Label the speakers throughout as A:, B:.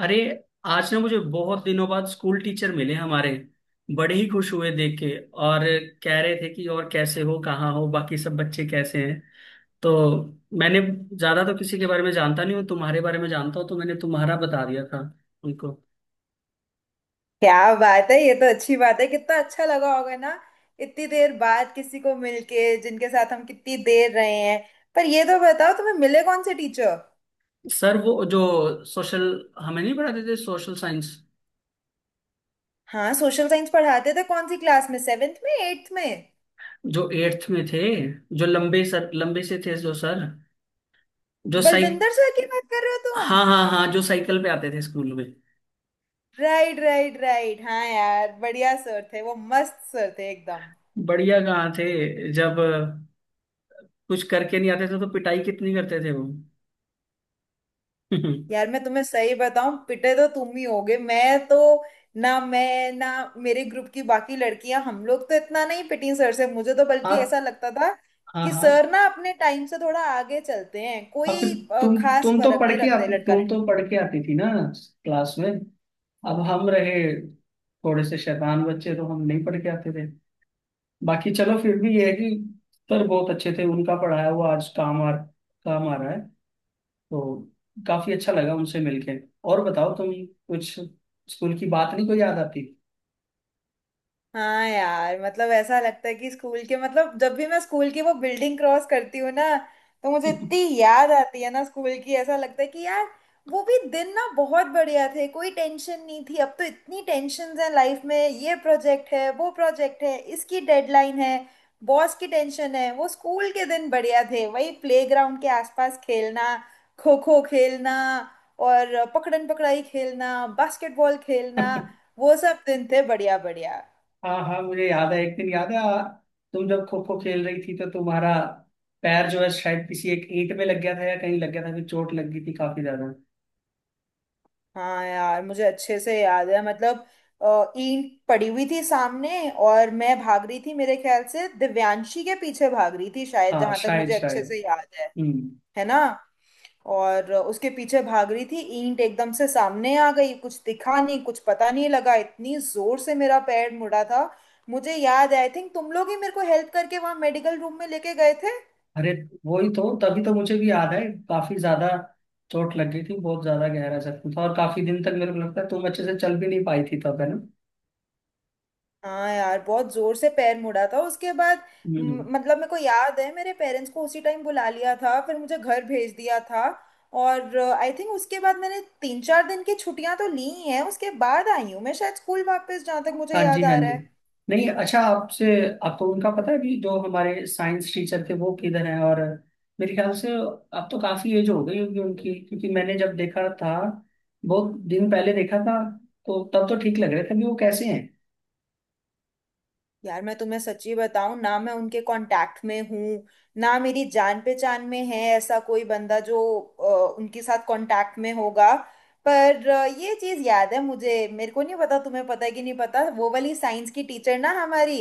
A: अरे, आज ना मुझे बहुत दिनों बाद स्कूल टीचर मिले हमारे। बड़े ही खुश हुए देख के और कह रहे थे कि और कैसे हो, कहाँ हो, बाकी सब बच्चे कैसे हैं। तो मैंने ज्यादा तो किसी के बारे में जानता नहीं हूँ, तुम्हारे बारे में जानता हूँ, तो मैंने तुम्हारा बता दिया था उनको।
B: क्या बात है। ये तो अच्छी बात है। कितना अच्छा लगा होगा ना, इतनी देर बाद किसी को मिलके जिनके साथ हम कितनी देर रहे हैं। पर ये तो बताओ, तुम्हें मिले कौन से टीचर।
A: सर वो जो सोशल हमें नहीं पढ़ाते थे, सोशल साइंस।
B: हाँ, सोशल साइंस पढ़ाते थे कौन सी क्लास में, सेवेंथ में, एट्थ में।
A: जो एट्थ में थे, जो लंबे सर लंबे से थे, जो सर, जो साइक।
B: बलविंदर सर की बात कर रहे हो तुम।
A: हाँ हाँ हाँ, जो साइकिल पे आते थे स्कूल में।
B: राइट राइट राइट, हाँ यार, बढ़िया सर थे वो, मस्त सर थे एकदम।
A: बढ़िया कहाँ थे, जब कुछ करके नहीं आते थे तो पिटाई कितनी करते थे वो।
B: यार मैं तुम्हें सही बताऊं, पिटे तो तुम ही होगे, मैं तो ना, मैं ना, मेरे ग्रुप की बाकी लड़कियां, हम लोग तो इतना नहीं पिटी सर से। मुझे तो बल्कि
A: हाँ
B: ऐसा लगता था
A: हाँ
B: कि
A: हाँ।
B: सर ना अपने टाइम से थोड़ा आगे चलते हैं,
A: और फिर
B: कोई
A: तुम
B: खास
A: तुम तो
B: फर्क
A: पढ़
B: नहीं
A: के
B: रखते
A: आती,
B: लड़का
A: तुम
B: लड़की।
A: तो पढ़ के आती थी ना क्लास में। अब हम रहे थोड़े से शैतान बच्चे, तो हम नहीं पढ़ के आते थे। बाकी चलो फिर भी ये है कि सर बहुत अच्छे थे, उनका पढ़ाया हुआ आज काम आ रहा है। तो काफी अच्छा लगा उनसे मिलके। और बताओ तुम कुछ स्कूल की बात नहीं कोई याद आती।
B: हाँ यार, मतलब ऐसा लगता है कि स्कूल के, मतलब जब भी मैं स्कूल की वो बिल्डिंग क्रॉस करती हूँ ना, तो मुझे इतनी याद आती है ना स्कूल की। ऐसा लगता है कि यार, वो भी दिन ना बहुत बढ़िया थे, कोई टेंशन नहीं थी। अब तो इतनी टेंशन है लाइफ में, ये प्रोजेक्ट है, वो प्रोजेक्ट है, इसकी डेडलाइन है, बॉस की टेंशन है। वो स्कूल के दिन बढ़िया थे, वही प्लेग्राउंड के आसपास खेलना, खो खो खेलना, और पकड़न पकड़ाई खेलना, बास्केटबॉल खेलना। वो सब दिन थे बढ़िया बढ़िया।
A: हाँ हाँ, मुझे याद है, एक दिन याद है तुम जब खो खो खेल रही थी तो तुम्हारा पैर जो है शायद किसी एक ईंट में लग गया था या कहीं लग गया था, फिर चोट लग गई थी काफी ज्यादा।
B: हाँ यार, मुझे अच्छे से याद है मतलब, ईंट पड़ी हुई थी सामने और मैं भाग रही थी। मेरे ख्याल से दिव्यांशी के पीछे भाग रही थी शायद,
A: हाँ,
B: जहां तक
A: शायद
B: मुझे अच्छे
A: शायद।
B: से याद है
A: हम्म।
B: है ना। और उसके पीछे भाग रही थी, ईंट एकदम से सामने आ गई, कुछ दिखा नहीं, कुछ पता नहीं लगा, इतनी जोर से मेरा पैर मुड़ा था। मुझे याद है, आई थिंक तुम लोग ही मेरे को हेल्प करके वहां मेडिकल रूम में लेके गए थे।
A: अरे वही तो, तभी तो मुझे भी याद है, काफी ज्यादा चोट लग गई थी, बहुत ज्यादा गहरा जख्म था, और काफी दिन तक मेरे को लगता है तुम अच्छे से चल भी नहीं पाई थी तब, है ना।
B: हाँ यार, बहुत जोर से पैर मुड़ा था। उसके बाद
A: हम्म।
B: मतलब, मेरे को याद है मेरे पेरेंट्स को उसी टाइम बुला लिया था, फिर मुझे घर भेज दिया था। और आई थिंक उसके बाद मैंने 3-4 दिन की छुट्टियां तो ली ही हैं, उसके बाद आई हूँ मैं शायद स्कूल वापस, जहाँ तक मुझे
A: हाँ जी,
B: याद
A: हाँ
B: आ रहा
A: जी।
B: है।
A: नहीं अच्छा, आपसे, आपको उनका पता है भी, जो हमारे साइंस टीचर थे वो किधर हैं, और मेरे ख्याल से अब तो काफी एज हो गई होगी उनकी, क्योंकि मैंने जब देखा था, बहुत दिन पहले देखा था, तो तब तो ठीक लग रहे थे भी वो, कैसे हैं।
B: यार मैं तुम्हें सच्ची बताऊं ना, मैं उनके कांटेक्ट में हूँ ना, मेरी जान पहचान में है ऐसा कोई बंदा जो उनके साथ कांटेक्ट में होगा। पर ये चीज याद है मुझे, मेरे को नहीं पता तुम्हें पता है कि नहीं पता, वो वाली साइंस की टीचर ना हमारी,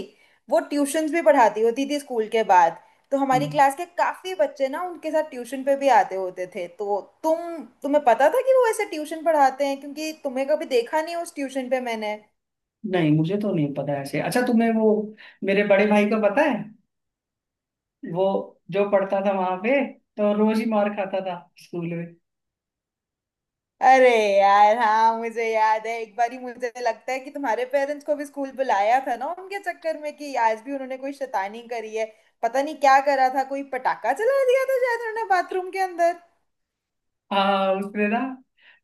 B: वो ट्यूशंस भी पढ़ाती होती थी स्कूल के बाद। तो हमारी
A: हम्म,
B: क्लास के काफी बच्चे ना उनके साथ ट्यूशन पे भी आते होते थे, तो तुम्हें पता था कि वो ऐसे ट्यूशन पढ़ाते हैं, क्योंकि तुम्हें कभी देखा नहीं उस ट्यूशन पे मैंने।
A: नहीं मुझे तो नहीं पता ऐसे। अच्छा, तुम्हें वो मेरे बड़े भाई को पता है, वो जो पढ़ता था वहां पे, तो रोज ही मार खाता था स्कूल में।
B: अरे यार, हाँ, मुझे याद है एक बारी, मुझे लगता है कि तुम्हारे पेरेंट्स को भी स्कूल बुलाया था ना उनके चक्कर में कि आज भी उन्होंने कोई शैतानी करी है। पता नहीं क्या करा था, कोई पटाखा जला दिया था शायद उन्होंने बाथरूम के अंदर।
A: हाँ उसने ना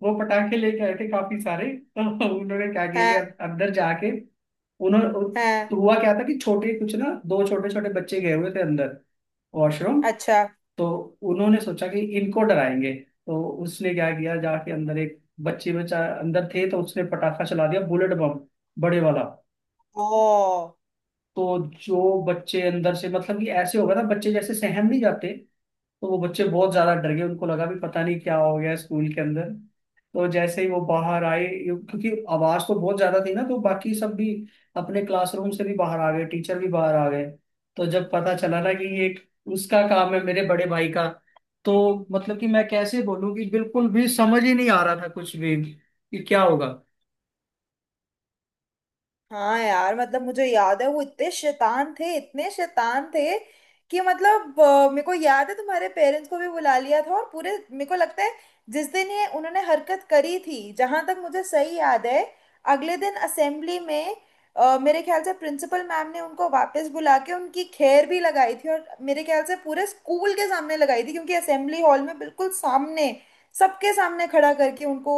A: वो पटाखे लेके आए थे काफी सारे। तो उन्होंने क्या किया
B: हाँ।
A: कि अंदर जाके उन्होंने,
B: हाँ।
A: तो हुआ क्या था कि छोटे कुछ ना, दो छोटे छोटे बच्चे गए हुए थे अंदर, वॉशरूम।
B: अच्छा।
A: तो उन्होंने सोचा कि इनको डराएंगे। तो उसने क्या किया, जाके अंदर एक बच्चे बच्चा अंदर थे, तो उसने पटाखा चला दिया, बुलेट बम, बड़े वाला।
B: ओ।
A: तो जो बच्चे अंदर से, मतलब कि ऐसे होगा ना, बच्चे जैसे सहम नहीं जाते, तो वो बच्चे बहुत ज्यादा डर गए, उनको लगा भी पता नहीं क्या हो गया स्कूल के अंदर। तो जैसे ही वो बाहर आए क्योंकि आवाज तो बहुत ज्यादा थी ना, तो बाकी सब भी अपने क्लासरूम से भी बाहर आ गए, टीचर भी बाहर आ गए। तो जब पता चला ना कि ये उसका काम है, मेरे बड़े भाई का, तो मतलब कि मैं कैसे बोलूं कि बिल्कुल भी समझ ही नहीं आ रहा था कुछ भी, कि क्या होगा।
B: हाँ यार, मतलब मुझे याद है वो इतने शैतान थे, इतने शैतान थे कि मतलब। मेरे को याद है तुम्हारे पेरेंट्स को भी बुला लिया था, और पूरे, मेरे को लगता है जिस दिन ये उन्होंने हरकत करी थी, जहां तक मुझे सही याद है अगले दिन असेंबली में, मेरे ख्याल से प्रिंसिपल मैम ने उनको वापस बुला के उनकी खैर भी लगाई थी। और मेरे ख्याल से पूरे स्कूल के सामने लगाई थी, क्योंकि असेंबली हॉल में बिल्कुल सामने, सबके सामने खड़ा करके उनको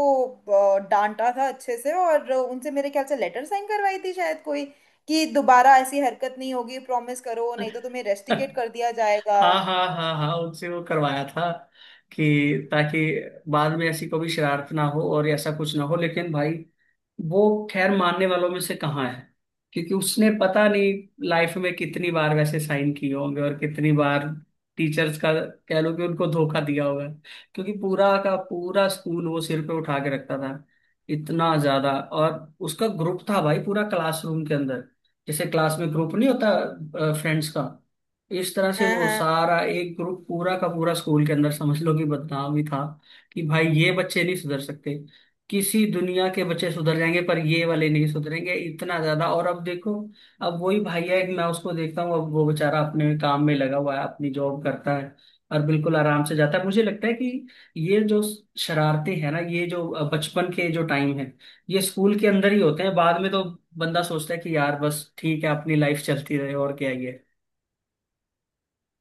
B: डांटा था अच्छे से, और उनसे मेरे ख्याल से लेटर साइन करवाई थी शायद कोई, कि दोबारा ऐसी हरकत नहीं होगी, प्रॉमिस करो, नहीं तो तुम्हें रेस्टिकेट कर दिया जाएगा।
A: हाँ हाँ हाँ हाँ, उनसे वो करवाया था कि, ताकि बाद में ऐसी कोई शरारत ना हो और ऐसा कुछ ना हो। लेकिन भाई वो खैर मानने वालों में से कहाँ है, क्योंकि उसने पता नहीं लाइफ में कितनी बार वैसे साइन किए होंगे और कितनी बार टीचर्स का, कह लो कि उनको धोखा दिया होगा, क्योंकि पूरा का पूरा स्कूल वो सिर पे उठा के रखता था, इतना ज्यादा। और उसका ग्रुप था भाई पूरा क्लासरूम के अंदर, जैसे क्लास में ग्रुप नहीं होता फ्रेंड्स का, इस तरह से
B: हाँ,
A: वो
B: हाँ।
A: सारा एक ग्रुप, पूरा का पूरा स्कूल के अंदर समझ लो कि बदनाम ही था, कि भाई ये बच्चे नहीं सुधर सकते। किसी दुनिया के बच्चे सुधर जाएंगे पर ये वाले नहीं सुधरेंगे, इतना ज्यादा। और अब देखो, अब वही भैया, एक मैं उसको देखता हूँ, अब वो बेचारा अपने काम में लगा हुआ है, अपनी जॉब करता है और बिल्कुल आराम से जाता है। मुझे लगता है कि ये जो शरारतें हैं ना, ये जो बचपन के जो टाइम है, ये स्कूल के अंदर ही होते हैं, बाद में तो बंदा सोचता है कि यार बस ठीक है, अपनी लाइफ चलती रहे और क्या ही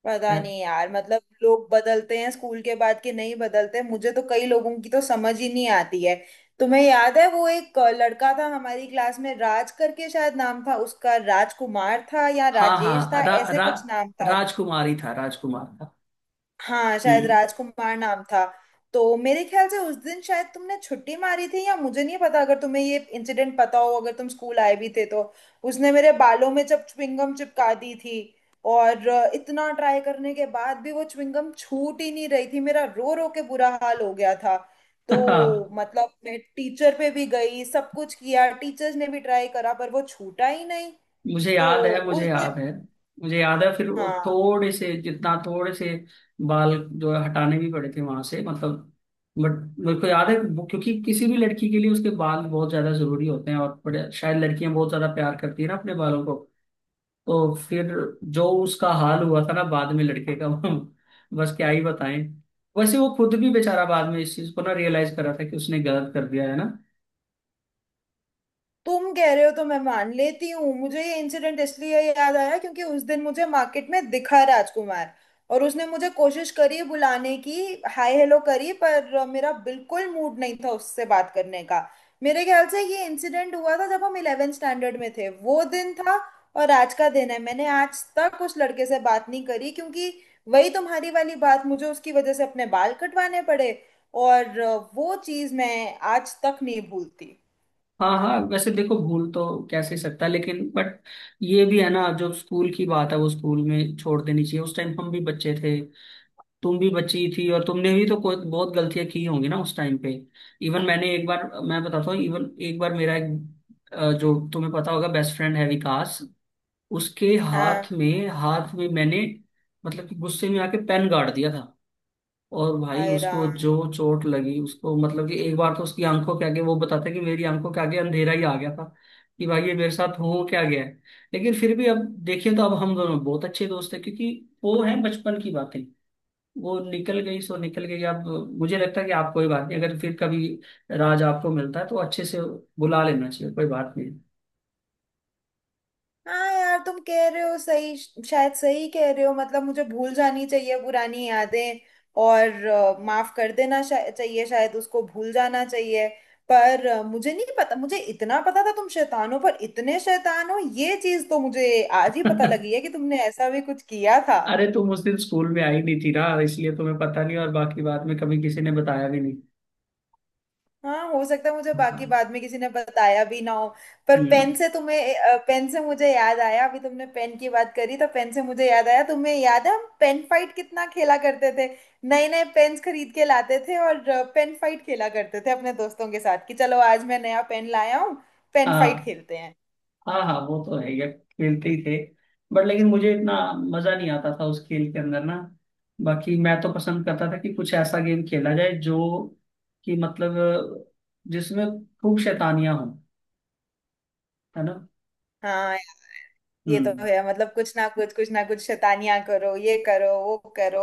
B: पता
A: है।
B: नहीं यार, मतलब लोग बदलते हैं स्कूल के बाद के, नहीं बदलते मुझे तो कई लोगों की, तो समझ ही नहीं आती है। तुम्हें याद है वो एक लड़का था हमारी क्लास में, राज करके शायद नाम था उसका, राजकुमार था या
A: हाँ
B: राजेश
A: हाँ,
B: था
A: रा,
B: ऐसे
A: रा,
B: कुछ नाम था।
A: राजकुमार ही था, राजकुमार था।
B: हाँ, शायद
A: हम्म।
B: राजकुमार नाम था। तो मेरे ख्याल से उस दिन शायद तुमने छुट्टी मारी थी, या मुझे नहीं पता अगर तुम्हें ये इंसिडेंट पता हो, अगर तुम स्कूल आए भी थे तो। उसने मेरे बालों में जब च्युइंगम चिपका दी थी, और इतना ट्राई करने के बाद भी वो च्युइंगम छूट ही नहीं रही थी, मेरा रो रो के बुरा हाल हो गया था। तो
A: हाँ
B: मतलब मैं टीचर पे भी गई, सब कुछ किया, टीचर्स ने भी ट्राई करा, पर वो छूटा ही नहीं।
A: मुझे
B: तो
A: याद है,
B: उस
A: मुझे याद
B: दिन।
A: है। मुझे याद है फिर वो
B: हाँ,
A: थोड़े से, जितना थोड़े से बाल जो है हटाने भी पड़े थे वहां से, मतलब। बट मेरे को याद है क्योंकि किसी भी लड़की के लिए उसके बाल बहुत ज्यादा जरूरी होते हैं, और बड़े, शायद लड़कियां बहुत ज्यादा प्यार करती है ना अपने बालों को। तो फिर जो उसका हाल हुआ था ना बाद में लड़के का, बस क्या ही बताएं। वैसे वो खुद भी बेचारा बाद में इस चीज को ना रियलाइज करा था कि उसने गलत कर दिया है ना।
B: तुम कह रहे हो तो मैं मान लेती हूँ। मुझे ये इंसिडेंट इसलिए याद आया क्योंकि उस दिन मुझे मार्केट में दिखा राजकुमार, और उसने मुझे कोशिश करी बुलाने की, हाय हेलो करी, पर मेरा बिल्कुल मूड नहीं था उससे बात करने का। मेरे ख्याल से ये इंसिडेंट हुआ था जब हम 11th स्टैंडर्ड में थे, वो दिन था। और आज का दिन है, मैंने आज तक उस लड़के से बात नहीं करी, क्योंकि वही तुम्हारी वाली बात, मुझे उसकी वजह से अपने बाल कटवाने पड़े, और वो चीज़ मैं आज तक नहीं भूलती।
A: हाँ हाँ, वैसे देखो, भूल तो कैसे सकता है, लेकिन बट ये भी है ना जो स्कूल की बात है वो स्कूल में छोड़ देनी चाहिए। उस टाइम हम भी बच्चे थे, तुम भी बच्ची थी, और तुमने भी तो कोई बहुत गलतियां की होंगी ना उस टाइम पे। इवन मैंने एक बार, मैं बताता हूँ, इवन एक बार मेरा एक जो तुम्हें पता होगा, बेस्ट फ्रेंड है विकास, उसके हाथ
B: हाँ।
A: में, हाथ में मैंने मतलब कि गुस्से में आके पेन गाड़ दिया था। और भाई
B: हाय
A: उसको
B: राम।
A: जो चोट लगी उसको, मतलब कि एक बार तो उसकी आंखों के आगे, वो बताता है कि मेरी आंखों के आगे अंधेरा ही आ गया था, कि भाई ये मेरे साथ हो क्या गया है। लेकिन फिर भी अब देखिए तो अब हम दोनों बहुत अच्छे दोस्त हैं, क्योंकि वो है बचपन की बातें, वो निकल गई सो निकल गई। अब मुझे लगता है कि आप कोई बात नहीं, अगर फिर कभी राज आपको मिलता है तो अच्छे से बुला लेना चाहिए, कोई बात नहीं।
B: हाँ यार, तुम कह रहे हो सही, शायद सही कह रहे हो, मतलब मुझे भूल जानी चाहिए पुरानी यादें, और माफ कर देना चाहिए, शायद उसको भूल जाना चाहिए। पर मुझे नहीं पता, मुझे इतना पता था तुम शैतान हो, पर इतने शैतान हो ये चीज तो मुझे आज ही पता लगी है कि तुमने ऐसा भी कुछ किया था।
A: अरे तुम उस दिन स्कूल में आई नहीं थी ना, इसलिए तुम्हें पता नहीं, और बाकी बाद में कभी किसी ने बताया भी नहीं।
B: हाँ, हो सकता है मुझे बाकी
A: हाँ।
B: बाद में किसी ने बताया भी ना हो। पर पेन
A: हम्म,
B: से तुम्हें, पेन से मुझे याद आया, अभी तुमने पेन की बात करी तो पेन से मुझे याद आया, तुम्हें याद है हम पेन फाइट कितना खेला करते थे। नए नए पेन्स खरीद के लाते थे, और पेन फाइट खेला करते थे अपने दोस्तों के साथ कि चलो आज मैं नया पेन लाया हूँ, पेन
A: हाँ
B: फाइट खेलते हैं।
A: हाँ हाँ, वो तो है यार, खेलते ही थे। बट लेकिन मुझे इतना मजा नहीं आता था उस खेल के अंदर ना। बाकी मैं तो पसंद करता था कि कुछ ऐसा गेम खेला जाए जो, कि मतलब जिसमें खूब शैतानियां हों, है ना।
B: हाँ, ये तो
A: हम्म।
B: है, मतलब कुछ ना कुछ शैतानियां करो, ये करो वो करो।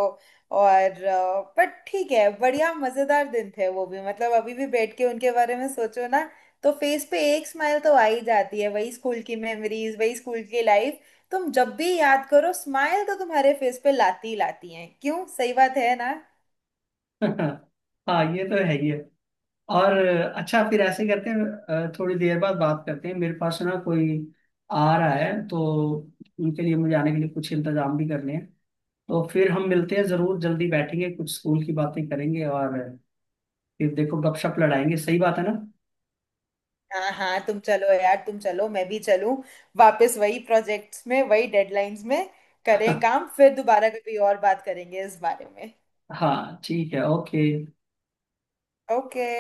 B: और पर ठीक है, बढ़िया मजेदार दिन थे वो भी, मतलब अभी भी बैठ के उनके बारे में सोचो ना, तो फेस पे एक स्माइल तो आ ही जाती है। वही स्कूल की मेमोरीज, वही स्कूल की लाइफ, तुम जब भी याद करो स्माइल तो तुम्हारे फेस पे लाती ही लाती है। क्यों, सही बात है ना।
A: हाँ, ये तो है ही है। और अच्छा, फिर ऐसे करते हैं, थोड़ी देर बाद बात करते हैं, मेरे पास ना कोई आ रहा है तो, उनके लिए मुझे आने के लिए कुछ इंतजाम भी करने हैं। तो फिर हम मिलते हैं जरूर, जल्दी बैठेंगे, कुछ स्कूल की बातें करेंगे और फिर देखो गपशप लड़ाएंगे, सही बात है ना।
B: हाँ हाँ, तुम चलो यार, तुम चलो, मैं भी चलूं वापस वही प्रोजेक्ट्स में, वही डेडलाइंस में, करें काम। फिर दोबारा कभी और बात करेंगे इस बारे में।
A: हाँ ठीक है, ओके।
B: ओके।